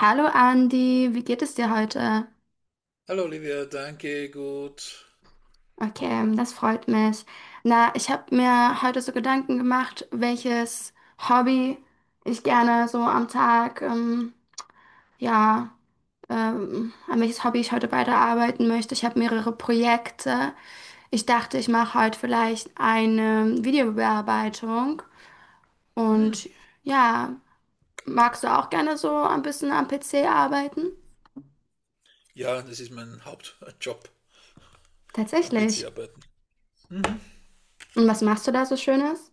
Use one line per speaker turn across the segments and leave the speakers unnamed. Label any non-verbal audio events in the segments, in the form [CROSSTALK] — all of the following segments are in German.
Hallo Andi, wie geht es dir heute?
Hallo Olivia, danke, gut.
Okay, das freut mich. Na, ich habe mir heute so Gedanken gemacht, welches Hobby ich gerne so am Tag, ja, an welches Hobby ich heute weiterarbeiten möchte. Ich habe mehrere Projekte. Ich dachte, ich mache heute vielleicht eine Videobearbeitung.
Hm.
Und ja, magst du auch gerne so ein bisschen am PC arbeiten?
Ja, das ist mein Hauptjob am PC
Tatsächlich.
arbeiten. Mhm.
Und was machst du da so Schönes?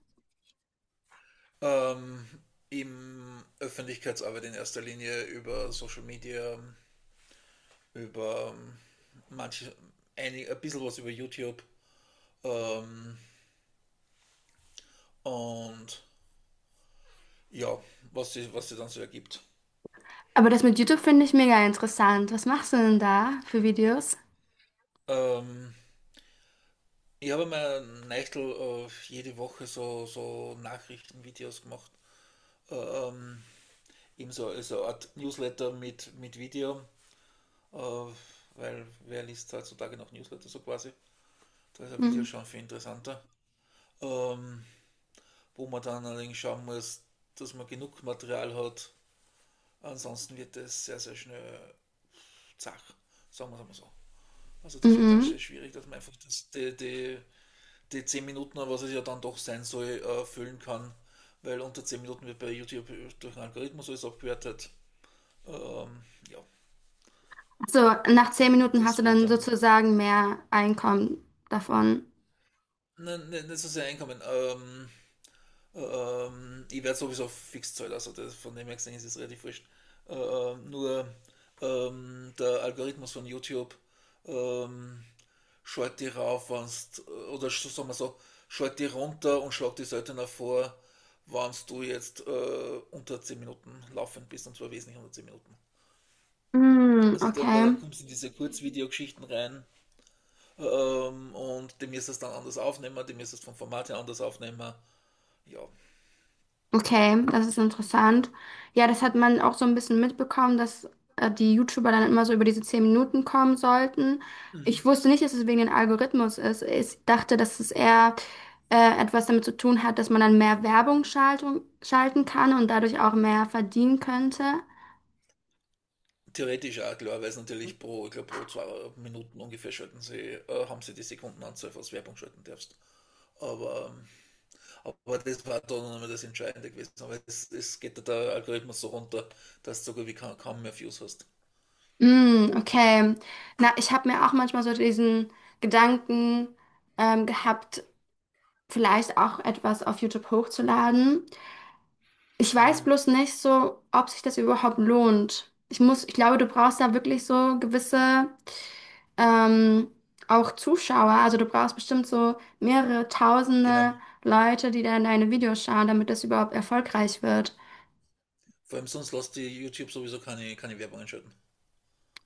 Ähm, Im Öffentlichkeitsarbeit in erster Linie über Social Media, über manche, ein bisschen was über YouTube ähm, und ja, was sie dann so ergibt.
Aber das mit YouTube finde ich mega interessant. Was machst du denn da für Videos?
Ähm, ich habe mir Neichtel jede Woche so Nachrichtenvideos gemacht. Ähm, eben so eine Art Newsletter mit Video, äh, weil wer liest heutzutage noch Newsletter so quasi? Da ist ein Video
Mhm.
schon viel interessanter. Ähm, wo man dann allerdings schauen muss, dass man genug Material hat. Ansonsten wird das sehr, sehr schnell zach, sagen wir es mal so. Also das wird dann
Mhm.
sehr schwierig, dass man einfach die 10 Minuten, was es ja dann doch sein soll, füllen kann. Weil unter 10 Minuten wird bei YouTube durch einen Algorithmus alles abgewertet. Ja,
So, nach 10 Minuten hast du
das war
dann
dann.
sozusagen mehr Einkommen davon.
Nein, nein, nicht so sehr Einkommen. Ich werde sowieso fix zahlen, also das, von dem her gesehen ist es relativ wurscht. Nur der Algorithmus von YouTube ähm, schaut die rauf, wenn's, oder so sagen wir so, schaut die runter und schlägt die seltener vor, wenn du jetzt unter 10 Minuten laufend bist, und zwar wesentlich unter 10 Minuten.
Mhm,
Also dann, weil
okay.
dann kommst du in diese Kurzvideogeschichten rein, und die müsstest du dann anders aufnehmen, die müsstest vom Format her anders aufnehmen. Ja.
Okay, das ist interessant. Ja, das hat man auch so ein bisschen mitbekommen, dass die YouTuber dann immer so über diese 10 Minuten kommen sollten. Ich
Mhm.
wusste nicht, dass es wegen dem Algorithmus ist. Ich dachte, dass es eher etwas damit zu tun hat, dass man dann mehr Werbung schalten kann und dadurch auch mehr verdienen könnte.
Theoretisch auch klar, weil es natürlich pro, ich glaub, pro 2 Minuten ungefähr schalten sie, haben sie die Sekundenanzahl, was Werbung schalten darfst. Aber, ähm, aber das war dann noch das Entscheidende gewesen. Aber es geht da der Algorithmus so runter, dass du sogar wie kaum, kaum mehr Views hast.
Mm, okay. Na, ich habe mir auch manchmal so diesen Gedanken gehabt, vielleicht auch etwas auf YouTube hochzuladen. Ich weiß
Mhm.
bloß nicht so, ob sich das überhaupt lohnt. Ich muss, ich glaube, du brauchst da wirklich so gewisse ähm, auch Zuschauer. Also du brauchst bestimmt so mehrere
Genau.
tausende Leute, die dann deine Videos schauen, damit das überhaupt erfolgreich wird.
Vor allem sonst lässt die YouTube sowieso keine Werbung einschalten.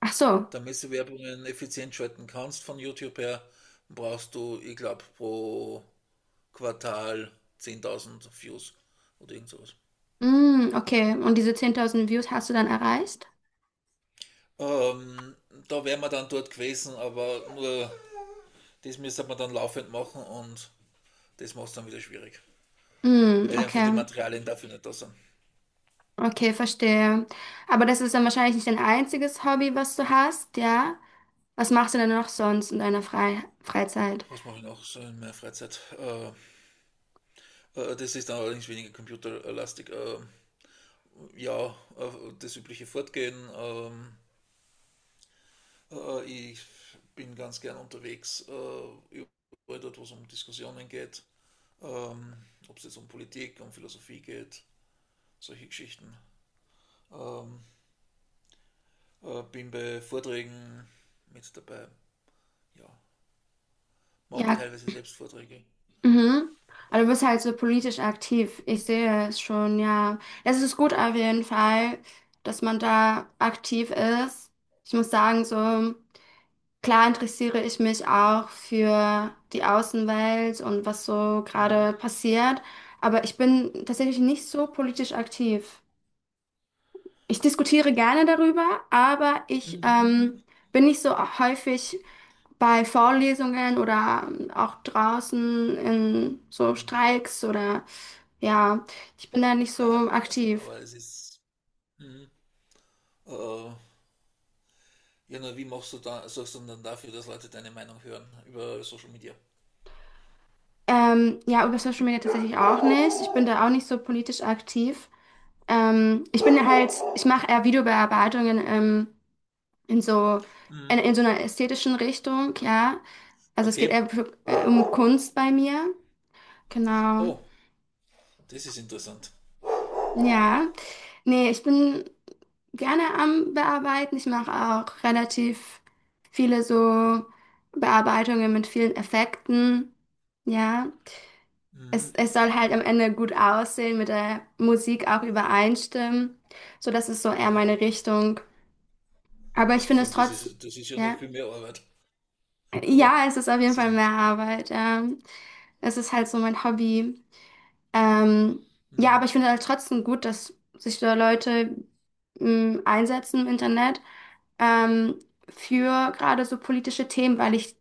Ach so.
Damit du Werbungen effizient schalten kannst von YouTube her, brauchst du, ich glaube, pro Quartal 10.000 Views oder irgend sowas.
Mm, okay. Und diese 10.000 Views hast du dann erreicht?
Ähm, da wären wir dann dort gewesen, aber nur das müsste man dann laufend machen und das macht es dann wieder schwierig,
Mm,
weil einfach die
okay.
Materialien dafür nicht da sind.
Okay, verstehe. Aber das ist dann wahrscheinlich nicht dein einziges Hobby, was du hast, ja? Was machst du denn noch sonst in deiner Freizeit?
Was mache ich noch so in meiner Freizeit? Das ist dann allerdings weniger computerlastig. Ja, das übliche Fortgehen. Ich bin ganz gern unterwegs, überall dort, wo es um Diskussionen geht. Ähm, Ob es jetzt um Politik, um Philosophie geht, solche Geschichten. Ähm, bin bei Vorträgen mit dabei. Ja, mache auch
Ja,
teilweise selbst Vorträge.
mhm. Aber du bist halt so politisch aktiv. Ich sehe es schon, ja. Es ist gut auf jeden Fall, dass man da aktiv ist. Ich muss sagen, so klar interessiere ich mich auch für die Außenwelt und was so
Mhm.
gerade passiert. Aber ich bin tatsächlich nicht so politisch aktiv. Ich diskutiere gerne darüber, aber ich
Mhm.
bin nicht so häufig bei Vorlesungen oder auch draußen in so
Mhm.
Streiks oder ja, ich bin da nicht so
Na, das wäre so,
aktiv.
aber es ist. Mhm. Äh, ja, nur wie machst du da, sorgst du dann dafür, dass Leute deine Meinung hören über Social Media?
Ja, über Social Media tatsächlich auch nicht. Ich bin da auch nicht so politisch aktiv. Ich bin halt, ich mache eher Videobearbeitungen in so in,
Mhm.
in so einer ästhetischen Richtung, ja. Also es geht
Okay.
eher für, um Kunst bei mir. Genau.
Oh, das ist interessant.
Ja. Nee, ich bin gerne am Bearbeiten. Ich mache auch relativ viele so Bearbeitungen mit vielen Effekten. Ja, es,
Mhm.
es soll halt am Ende gut aussehen, mit der Musik auch übereinstimmen. So, das ist so eher meine
Wow.
Richtung. Aber ich finde
Vor
es
allem, das
trotzdem,
ist, das ist ja
ja.
noch viel mehr Arbeit, oder?
Ja, es ist auf jeden
Ist das
Fall mehr
nicht?
Arbeit. Ja. Es ist halt so mein Hobby. Ähm, ja, aber
Mhm.
ich finde halt trotzdem gut, dass sich da Leute einsetzen im Internet ähm, für gerade so politische Themen, weil ich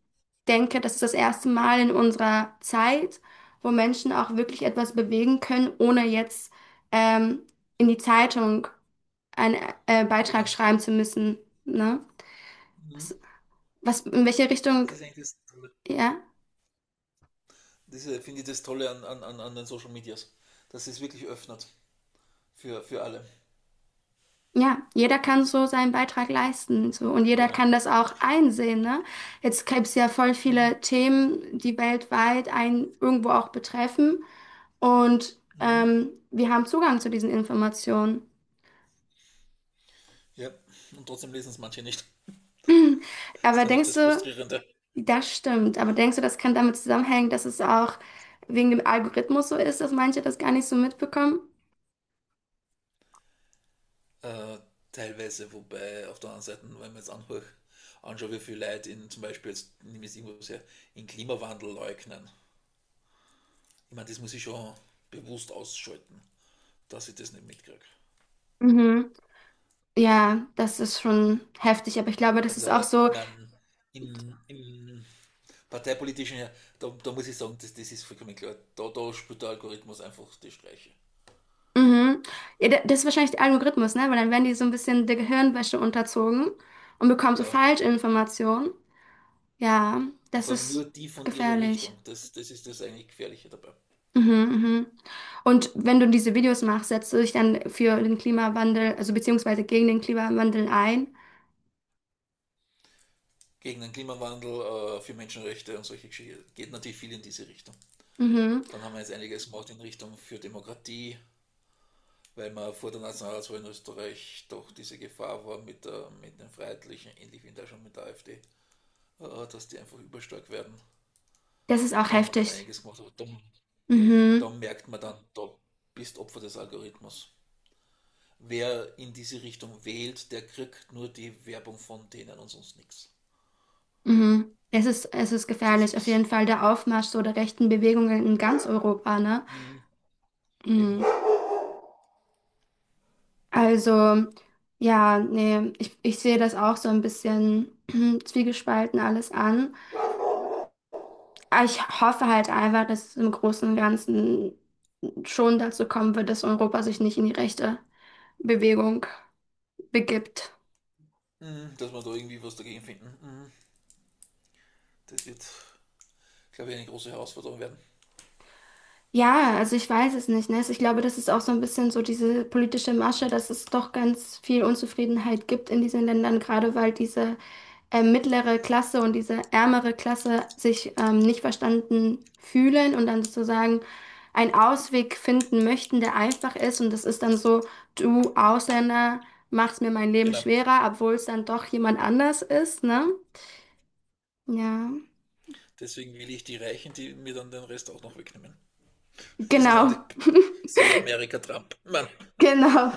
denke, das ist das erste Mal in unserer Zeit, wo Menschen auch wirklich etwas bewegen können, ohne jetzt ähm, in die Zeitung einen Beitrag
Genau.
schreiben zu müssen. Ne?
Mhm.
Das, was, in welche
Das
Richtung,
ist eigentlich das Tolle.
ja?
Das ist, finde ich, das Tolle an den Social Medias, dass es wirklich öffnet. Für alle.
Ja, jeder kann so seinen Beitrag leisten, so. Und jeder
Genau.
kann das auch einsehen, ne? Jetzt gibt's ja voll viele Themen, die weltweit einen irgendwo auch betreffen. Und
Mhm.
wir haben Zugang zu diesen Informationen.
Ja, und trotzdem lesen es manche nicht. [LAUGHS]
[CLEARS THROAT]
Das
Aber
ist dann auch
denkst
das
du,
Frustrierende.
das stimmt, aber denkst du, das kann damit zusammenhängen, dass es auch wegen dem Algorithmus so ist, dass manche das gar nicht so mitbekommen?
Äh, teilweise, wobei auf der anderen Seite, wenn man jetzt anhört, anschaue, wie viele Leute in zum Beispiel, jetzt nehme ich es irgendwo sehr, in Klimawandel leugnen. Ich meine, das muss ich schon bewusst ausschalten, dass ich das nicht mitkriege.
Mhm. Ja, das ist schon heftig, aber ich glaube, das
Also,
ist auch so.
im parteipolitischen, da muss ich sagen, das ist vollkommen klar. Da spielt der Algorithmus einfach die Streiche.
Mhm. Ja, das ist wahrscheinlich der Algorithmus, ne? Weil dann werden die so ein bisschen der Gehirnwäsche unterzogen und bekommen so
Ja,
Falschinformationen. Ja,
und
das
vor allem nur
ist
die von ihrer
gefährlich.
Richtung. Das ist das eigentlich Gefährliche dabei.
Mhm, mhm. Und wenn du diese Videos machst, setzt du dich dann für den Klimawandel, also beziehungsweise gegen den Klimawandel ein.
Gegen den Klimawandel, für Menschenrechte und solche Geschichten geht natürlich viel in diese Richtung.
Mhm.
Dann haben wir jetzt einiges gemacht in Richtung für Demokratie, weil man vor der Nationalratswahl in Österreich doch diese Gefahr war mit den Freiheitlichen, ähnlich wie da schon mit der AfD, dass die einfach überstark werden.
Das ist auch
Da haben wir dann
heftig.
einiges gemacht, aber da
Mhm,
merkt man dann, da bist Opfer des Algorithmus. Wer in diese Richtung wählt, der kriegt nur die Werbung von denen und sonst nichts.
mhm. Es ist
Das
gefährlich. Auf jeden
ist.
Fall der Aufmarsch so der rechten Bewegungen in ganz Europa, ne?
Mhm, eben.
Mhm. Also, ja, nee, ich sehe das auch so ein bisschen [CLEARS THROAT] zwiegespalten alles an. Aber ich hoffe halt einfach, dass es im Großen und Ganzen schon dazu kommen wird, dass Europa sich nicht in die rechte Bewegung begibt.
Mhm, dass wir da irgendwie was dagegen finden. Mhm, das wird, glaube ich, eine große Herausforderung werden.
Ja, also ich weiß es nicht, ne? Also ich glaube, das ist auch so ein bisschen so diese politische Masche, dass es doch ganz viel Unzufriedenheit gibt in diesen Ländern, gerade weil diese mittlere Klasse und diese ärmere Klasse sich nicht verstanden fühlen und dann sozusagen einen Ausweg finden möchten, der einfach ist. Und das ist dann so, du Ausländer machst mir mein Leben
Genau.
schwerer, obwohl es dann doch jemand anders ist, ne? Ja,
Deswegen will ich die Reichen, die mir dann den Rest auch noch wegnehmen. [LAUGHS] Das ist dann die,
genau, [LAUGHS]
sie Amerika Trump. Mann,
genau.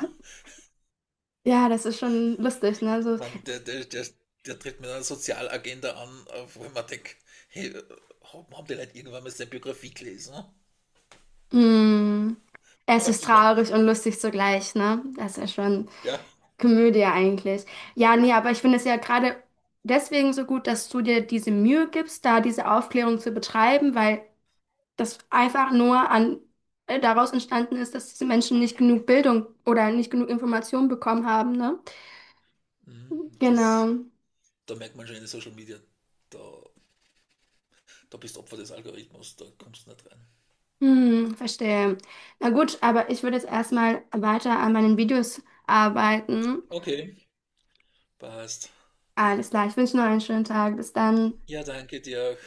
Ja, das ist schon lustig, ne? So,
Mann, der tritt mit einer Sozialagenda an, auf wo man denkt, hey, haben die Leute irgendwann mal seine Biografie gelesen? Ne?
mm,
[LAUGHS] Weißt
es ist
du, was ich meine?
traurig und lustig zugleich, ne? Das ist ja schon.
Ja.
Komödie eigentlich. Ja, nee, aber ich finde es ja gerade deswegen so gut, dass du dir diese Mühe gibst, da diese Aufklärung zu betreiben, weil das einfach nur an, daraus entstanden ist, dass diese Menschen nicht genug Bildung oder nicht genug Information bekommen haben, ne?
Mhm,
Genau.
da merkt man schon in den Social Media, da, da bist du Opfer des Algorithmus, da kommst du nicht rein.
Verstehe. Na gut, aber ich würde jetzt erstmal weiter an meinen Videos arbeiten.
Okay. Passt.
Alles klar, ich wünsche noch einen schönen Tag. Bis dann.
Ja, danke dir auch.